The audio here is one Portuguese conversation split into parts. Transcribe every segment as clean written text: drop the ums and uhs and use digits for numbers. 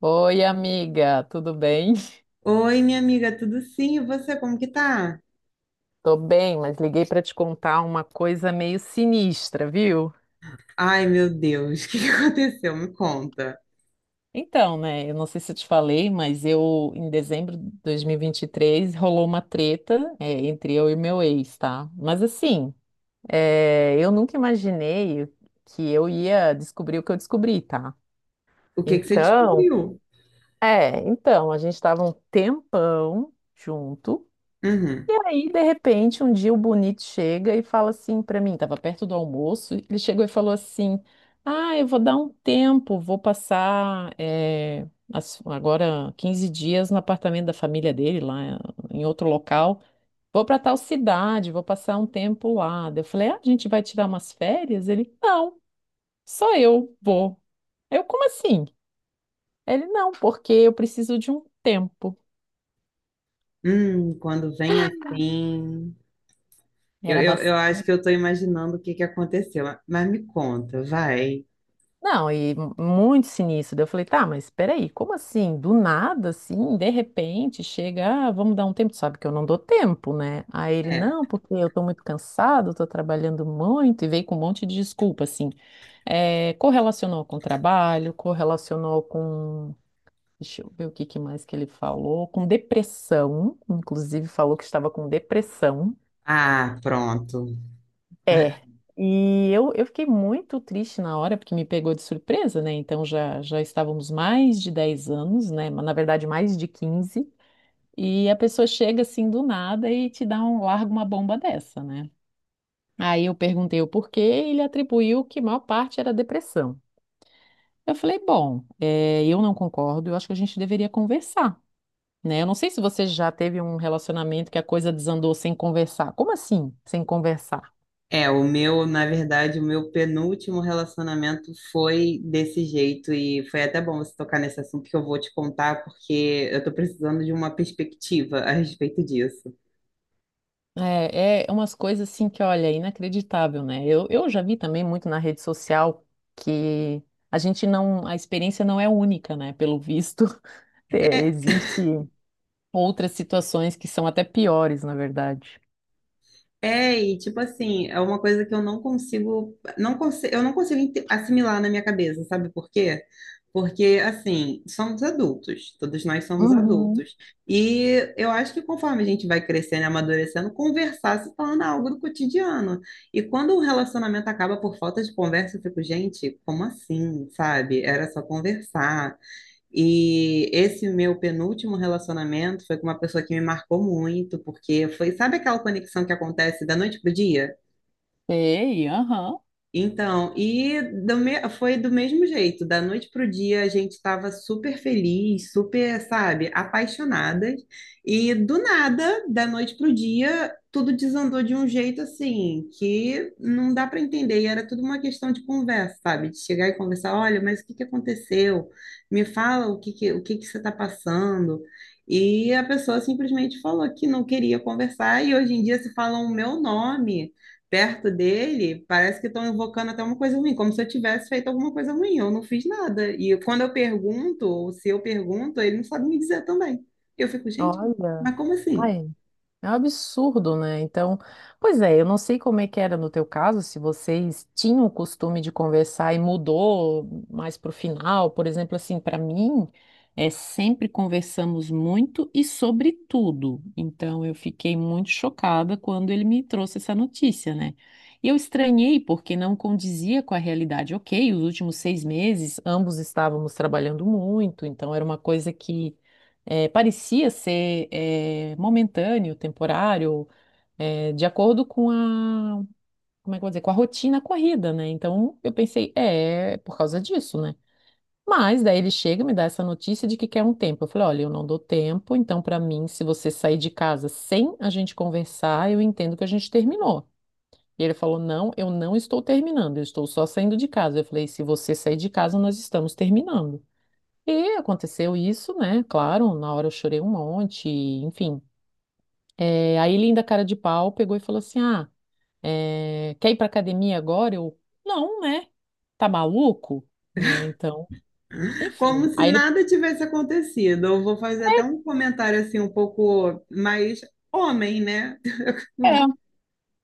Oi, amiga, tudo bem? Oi, minha amiga, tudo sim? E você, como que tá? Tô bem, mas liguei para te contar uma coisa meio sinistra, viu? Ai, meu Deus, o que que aconteceu? Me conta. Então, né, eu não sei se eu te falei, mas eu, em dezembro de dois mil e vinte e três rolou uma treta, entre eu e meu ex, tá? Mas assim, eu nunca imaginei que eu ia descobrir o que eu descobri, tá? O que que você Então, descobriu? A gente estava um tempão junto. Uhum. E aí, de repente, um dia o Bonito chega e fala assim pra mim, tava perto do almoço, ele chegou e falou assim: Ah, eu vou dar um tempo, vou passar agora 15 dias no apartamento da família dele, lá em outro local. Vou pra tal cidade, vou passar um tempo lá. Daí eu falei: Ah, a gente vai tirar umas férias? Ele: Não, só eu vou. Eu, como assim? Ele: Não, porque eu preciso de um tempo. Quando vem assim... Eu, Era eu, eu bastante. acho que eu tô imaginando o que que aconteceu, mas me conta, vai. Não, e muito sinistro. Daí eu falei, tá, mas peraí, como assim? Do nada, assim, de repente, chega, ah, vamos dar um tempo. Tu sabe que eu não dou tempo, né? Aí ele, não, É. porque eu tô muito cansado, tô trabalhando muito, e veio com um monte de desculpa, assim. É, correlacionou com o trabalho, correlacionou com. Deixa eu ver o que que mais que ele falou. Com depressão, inclusive falou que estava com depressão. Ah, pronto. É, e eu fiquei muito triste na hora, porque me pegou de surpresa, né? Então já, já estávamos mais de 10 anos, né? Mas, na verdade, mais de 15. E a pessoa chega assim do nada e te dá um, larga uma bomba dessa, né? Aí eu perguntei o porquê, e ele atribuiu que a maior parte era depressão. Eu falei, bom, é, eu não concordo, eu acho que a gente deveria conversar, né? Eu não sei se você já teve um relacionamento que a coisa desandou sem conversar. Como assim, sem conversar? É, o meu, na verdade, o meu penúltimo relacionamento foi desse jeito e foi até bom você tocar nesse assunto que eu vou te contar porque eu tô precisando de uma perspectiva a respeito disso. É, é umas coisas assim que, olha, é inacreditável, né? Eu já vi também muito na rede social que a gente não, a experiência não é única, né? Pelo visto, é, É, existe outras situações que são até piores, na verdade. é, e tipo assim, é uma coisa que eu não consigo assimilar na minha cabeça, sabe por quê? Porque, assim, somos adultos, todos nós somos Uhum. adultos. E eu acho que conforme a gente vai crescendo e amadurecendo, conversar se torna algo do cotidiano. E quando um relacionamento acaba por falta de conversa, eu fico, gente, como assim, sabe? Era só conversar. E esse meu penúltimo relacionamento foi com uma pessoa que me marcou muito, porque foi, sabe aquela conexão que acontece da noite pro dia? Sei, aham. Então, e foi do mesmo jeito, da noite para o dia a gente estava super feliz, super, sabe, apaixonadas, e do nada, da noite para o dia, tudo desandou de um jeito assim, que não dá para entender, e era tudo uma questão de conversa, sabe, de chegar e conversar, olha, mas o que que aconteceu? Me fala o que que você está passando? E a pessoa simplesmente falou que não queria conversar, e hoje em dia se falam o meu nome perto dele, parece que estão invocando até uma coisa ruim, como se eu tivesse feito alguma coisa ruim. Eu não fiz nada. E quando eu pergunto, ou se eu pergunto, ele não sabe me dizer também. Eu fico, gente, Olha. mas como assim? Ai, é um absurdo, né? Então, pois é, eu não sei como é que era no teu caso, se vocês tinham o costume de conversar e mudou mais pro final, por exemplo, assim, para mim, é sempre conversamos muito e sobre tudo. Então, eu fiquei muito chocada quando ele me trouxe essa notícia, né? E eu estranhei porque não condizia com a realidade. Ok, os últimos 6 meses, ambos estávamos trabalhando muito, então era uma coisa que parecia ser momentâneo, temporário, de acordo com a, como é que eu vou dizer, com a rotina corrida, né? Então eu pensei, é, é por causa disso, né? Mas daí ele chega e me dá essa notícia de que quer um tempo. Eu falei, olha, eu não dou tempo, então para mim, se você sair de casa sem a gente conversar, eu entendo que a gente terminou. E ele falou, não, eu não estou terminando, eu estou só saindo de casa. Eu falei, se você sair de casa, nós estamos terminando. E aconteceu isso, né? Claro, na hora eu chorei um monte, enfim. É, aí ele, ainda cara de pau, pegou e falou assim: Ah, é, quer ir pra academia agora? Eu, não, né? Tá maluco? Né? Então, Como enfim. se Aí ele, nada tivesse acontecido. Eu vou fazer até um comentário assim, um pouco mais homem, né? é.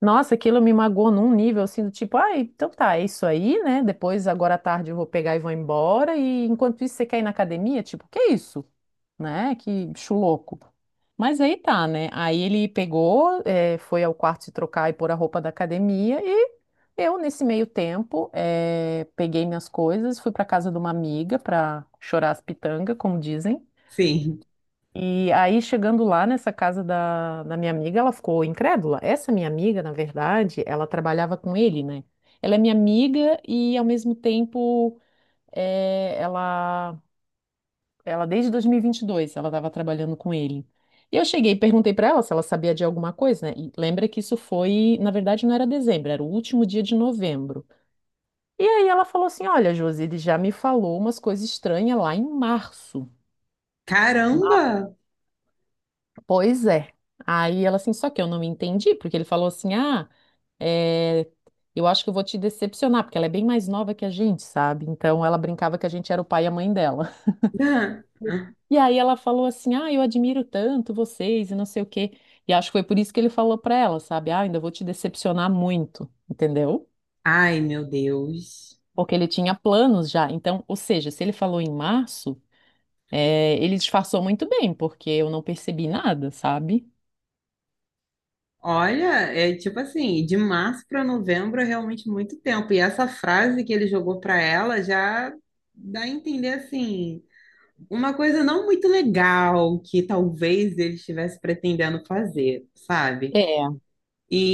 Nossa, aquilo me magoou num nível assim do tipo: Ah, então tá, é isso aí, né? Depois, agora à tarde, eu vou pegar e vou embora. E enquanto isso, você quer ir na academia? Tipo, que isso? Né? Que bicho louco. Mas aí tá, né? Aí ele pegou, foi ao quarto se trocar e pôr a roupa da academia e eu, nesse meio tempo, peguei minhas coisas, fui para casa de uma amiga para chorar as pitangas, como dizem. Sim. E aí, chegando lá nessa casa da minha amiga, ela ficou incrédula. Essa minha amiga, na verdade, ela trabalhava com ele, né? Ela é minha amiga e, ao mesmo tempo, eh, ela ela desde 2022, ela estava trabalhando com ele. E eu cheguei e perguntei para ela se ela sabia de alguma coisa, né? E lembra que isso foi, na verdade, não era dezembro, era o último dia de novembro. E aí ela falou assim: Olha, Josi, ele já me falou umas coisas estranhas lá em março. Ma- Caramba! Pois é. Aí ela assim, só que eu não me entendi, porque ele falou assim: Ah, é, eu acho que eu vou te decepcionar, porque ela é bem mais nova que a gente, sabe? Então ela brincava que a gente era o pai e a mãe dela. E aí ela falou assim: "Ah, eu admiro tanto vocês e não sei o quê". E acho que foi por isso que ele falou pra ela, sabe? "Ah, ainda vou te decepcionar muito", entendeu? Ai, meu Deus. Porque ele tinha planos já. Então, ou seja, se ele falou em março, ele disfarçou muito bem, porque eu não percebi nada, sabe? Olha, é tipo assim, de março para novembro é realmente muito tempo. E essa frase que ele jogou para ela já dá a entender assim, uma coisa não muito legal que talvez ele estivesse pretendendo fazer, sabe? É,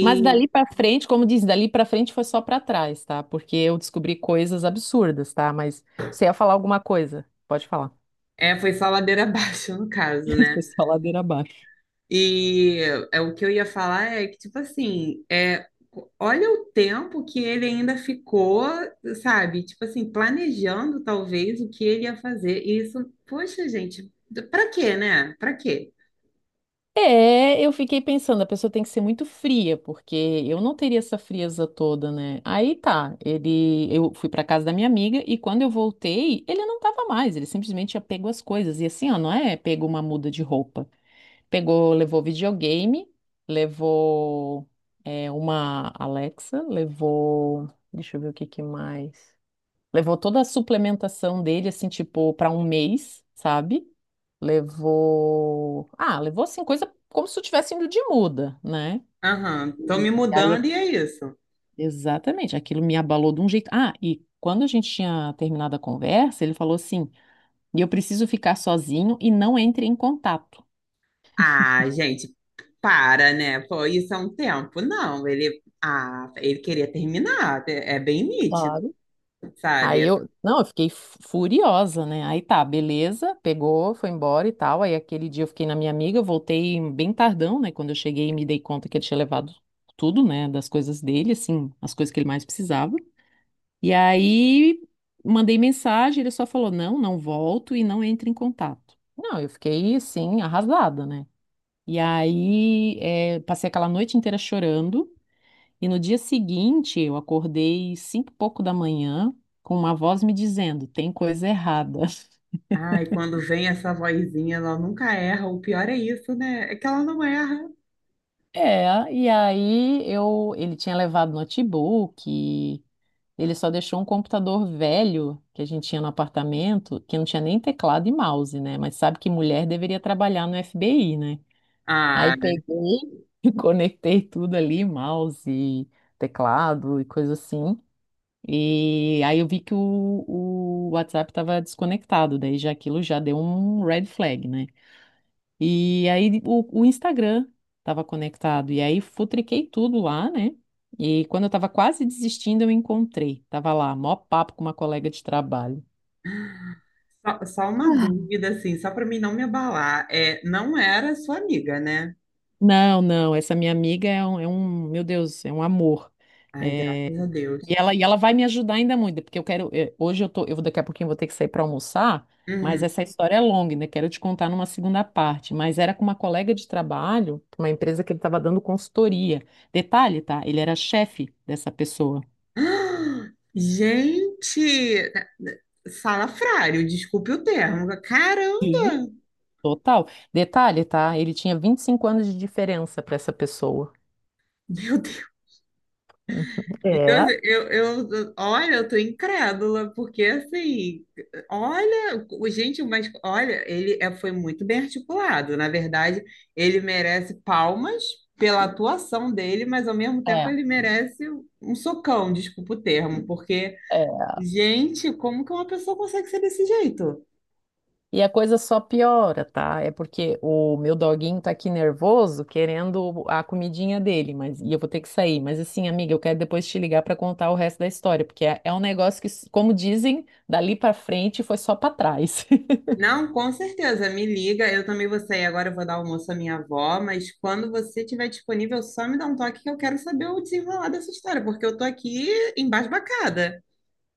mas dali pra frente, como diz, dali pra frente foi só pra trás, tá? Porque eu descobri coisas absurdas, tá? Mas você ia falar alguma coisa? Pode falar. é, foi só ladeira abaixo no caso, né? Foi só ladeira abaixo. E é, o que eu ia falar é que, tipo assim, é, olha o tempo que ele ainda ficou, sabe? Tipo assim, planejando talvez o que ele ia fazer. E isso, poxa, gente, pra quê, né? Pra quê? É, eu fiquei pensando, a pessoa tem que ser muito fria, porque eu não teria essa frieza toda, né? Aí tá, ele, eu fui pra casa da minha amiga e quando eu voltei, ele não tava mais, ele simplesmente tinha pego as coisas. E assim, ó, não é pegou uma muda de roupa. Pegou, levou videogame, levou uma Alexa, levou, deixa eu ver o que que mais. Levou toda a suplementação dele, assim, tipo, para um mês, sabe? Levou. Ah, levou, assim, coisa como se eu tivesse indo de muda, né? Aham, tô me E aí, mudando e é isso. exatamente, aquilo me abalou de um jeito. Ah, e quando a gente tinha terminado a conversa, ele falou assim: e eu preciso ficar sozinho e não entre em contato. Ah, gente, para, né? Pô, isso é um tempo. Não, ele, ah, ele queria terminar, é bem nítido, Aí sabe? eu, não, eu fiquei furiosa, né? Aí tá, beleza, pegou, foi embora e tal. Aí aquele dia eu fiquei na minha amiga, voltei bem tardão, né? Quando eu cheguei, me dei conta que ele tinha levado tudo, né? Das coisas dele, assim, as coisas que ele mais precisava. E aí mandei mensagem, ele só falou: não, não volto e não entre em contato. Não, eu fiquei assim, arrasada, né? E aí passei aquela noite inteira chorando. E no dia seguinte, eu acordei cinco e pouco da manhã com uma voz me dizendo, tem coisa errada. Ai, quando vem essa vozinha, ela nunca erra. O pior é isso, né? É que ela não erra. É, e aí eu, ele tinha levado notebook, e ele só deixou um computador velho que a gente tinha no apartamento, que não tinha nem teclado e mouse, né? Mas sabe que mulher deveria trabalhar no FBI, né? Aí Ah, peguei, conectei tudo ali, mouse, teclado e coisa assim, e aí eu vi que o WhatsApp estava desconectado, daí já aquilo já deu um red flag, né? E aí o Instagram estava conectado, e aí futriquei tudo lá, né? E quando eu estava quase desistindo, eu encontrei. Tava lá, mó papo com uma colega de trabalho. só uma dúvida, assim, só para mim não me abalar. É, não era sua amiga, né? Não, não, essa minha amiga é meu Deus, é um amor. Ai, É, graças a Deus. E ela vai me ajudar ainda muito, porque eu quero, hoje eu tô, daqui a pouquinho eu vou ter que sair para almoçar, mas Uhum. essa história é longa, ainda quero te contar numa segunda parte, mas era com uma colega de trabalho, uma empresa que ele estava dando consultoria. Detalhe, tá? Ele era chefe dessa pessoa. Ah, gente, salafrário, desculpe o termo. Sim. Caramba! Total. Detalhe, tá? Ele tinha 25 anos de diferença para essa pessoa. Meu... E eu, É. Olha, eu tô incrédula, porque assim, olha, gente, mas olha, foi muito bem articulado. Na verdade, ele merece palmas pela atuação dele, mas ao mesmo tempo É, ele merece um socão, desculpa o termo, porque, é. gente, como que uma pessoa consegue ser desse jeito? E a coisa só piora, tá? É porque o meu doguinho tá aqui nervoso, querendo a comidinha dele, mas e eu vou ter que sair. Mas assim, amiga, eu quero depois te ligar para contar o resto da história, porque é, é um negócio que, como dizem, dali para frente foi só para trás. Não, com certeza, me liga. Eu também vou sair agora, eu vou dar almoço à minha avó, mas quando você estiver disponível, só me dá um toque que eu quero saber o desenrolar dessa história, porque eu tô aqui embasbacada.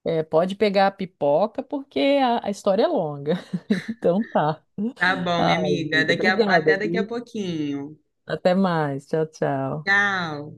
É, pode pegar a pipoca, porque a história é longa. Então tá. Tá bom, Ai, minha amiga. amiga, obrigada, Até daqui a viu? pouquinho. Até mais. Tchau, tchau. Tchau.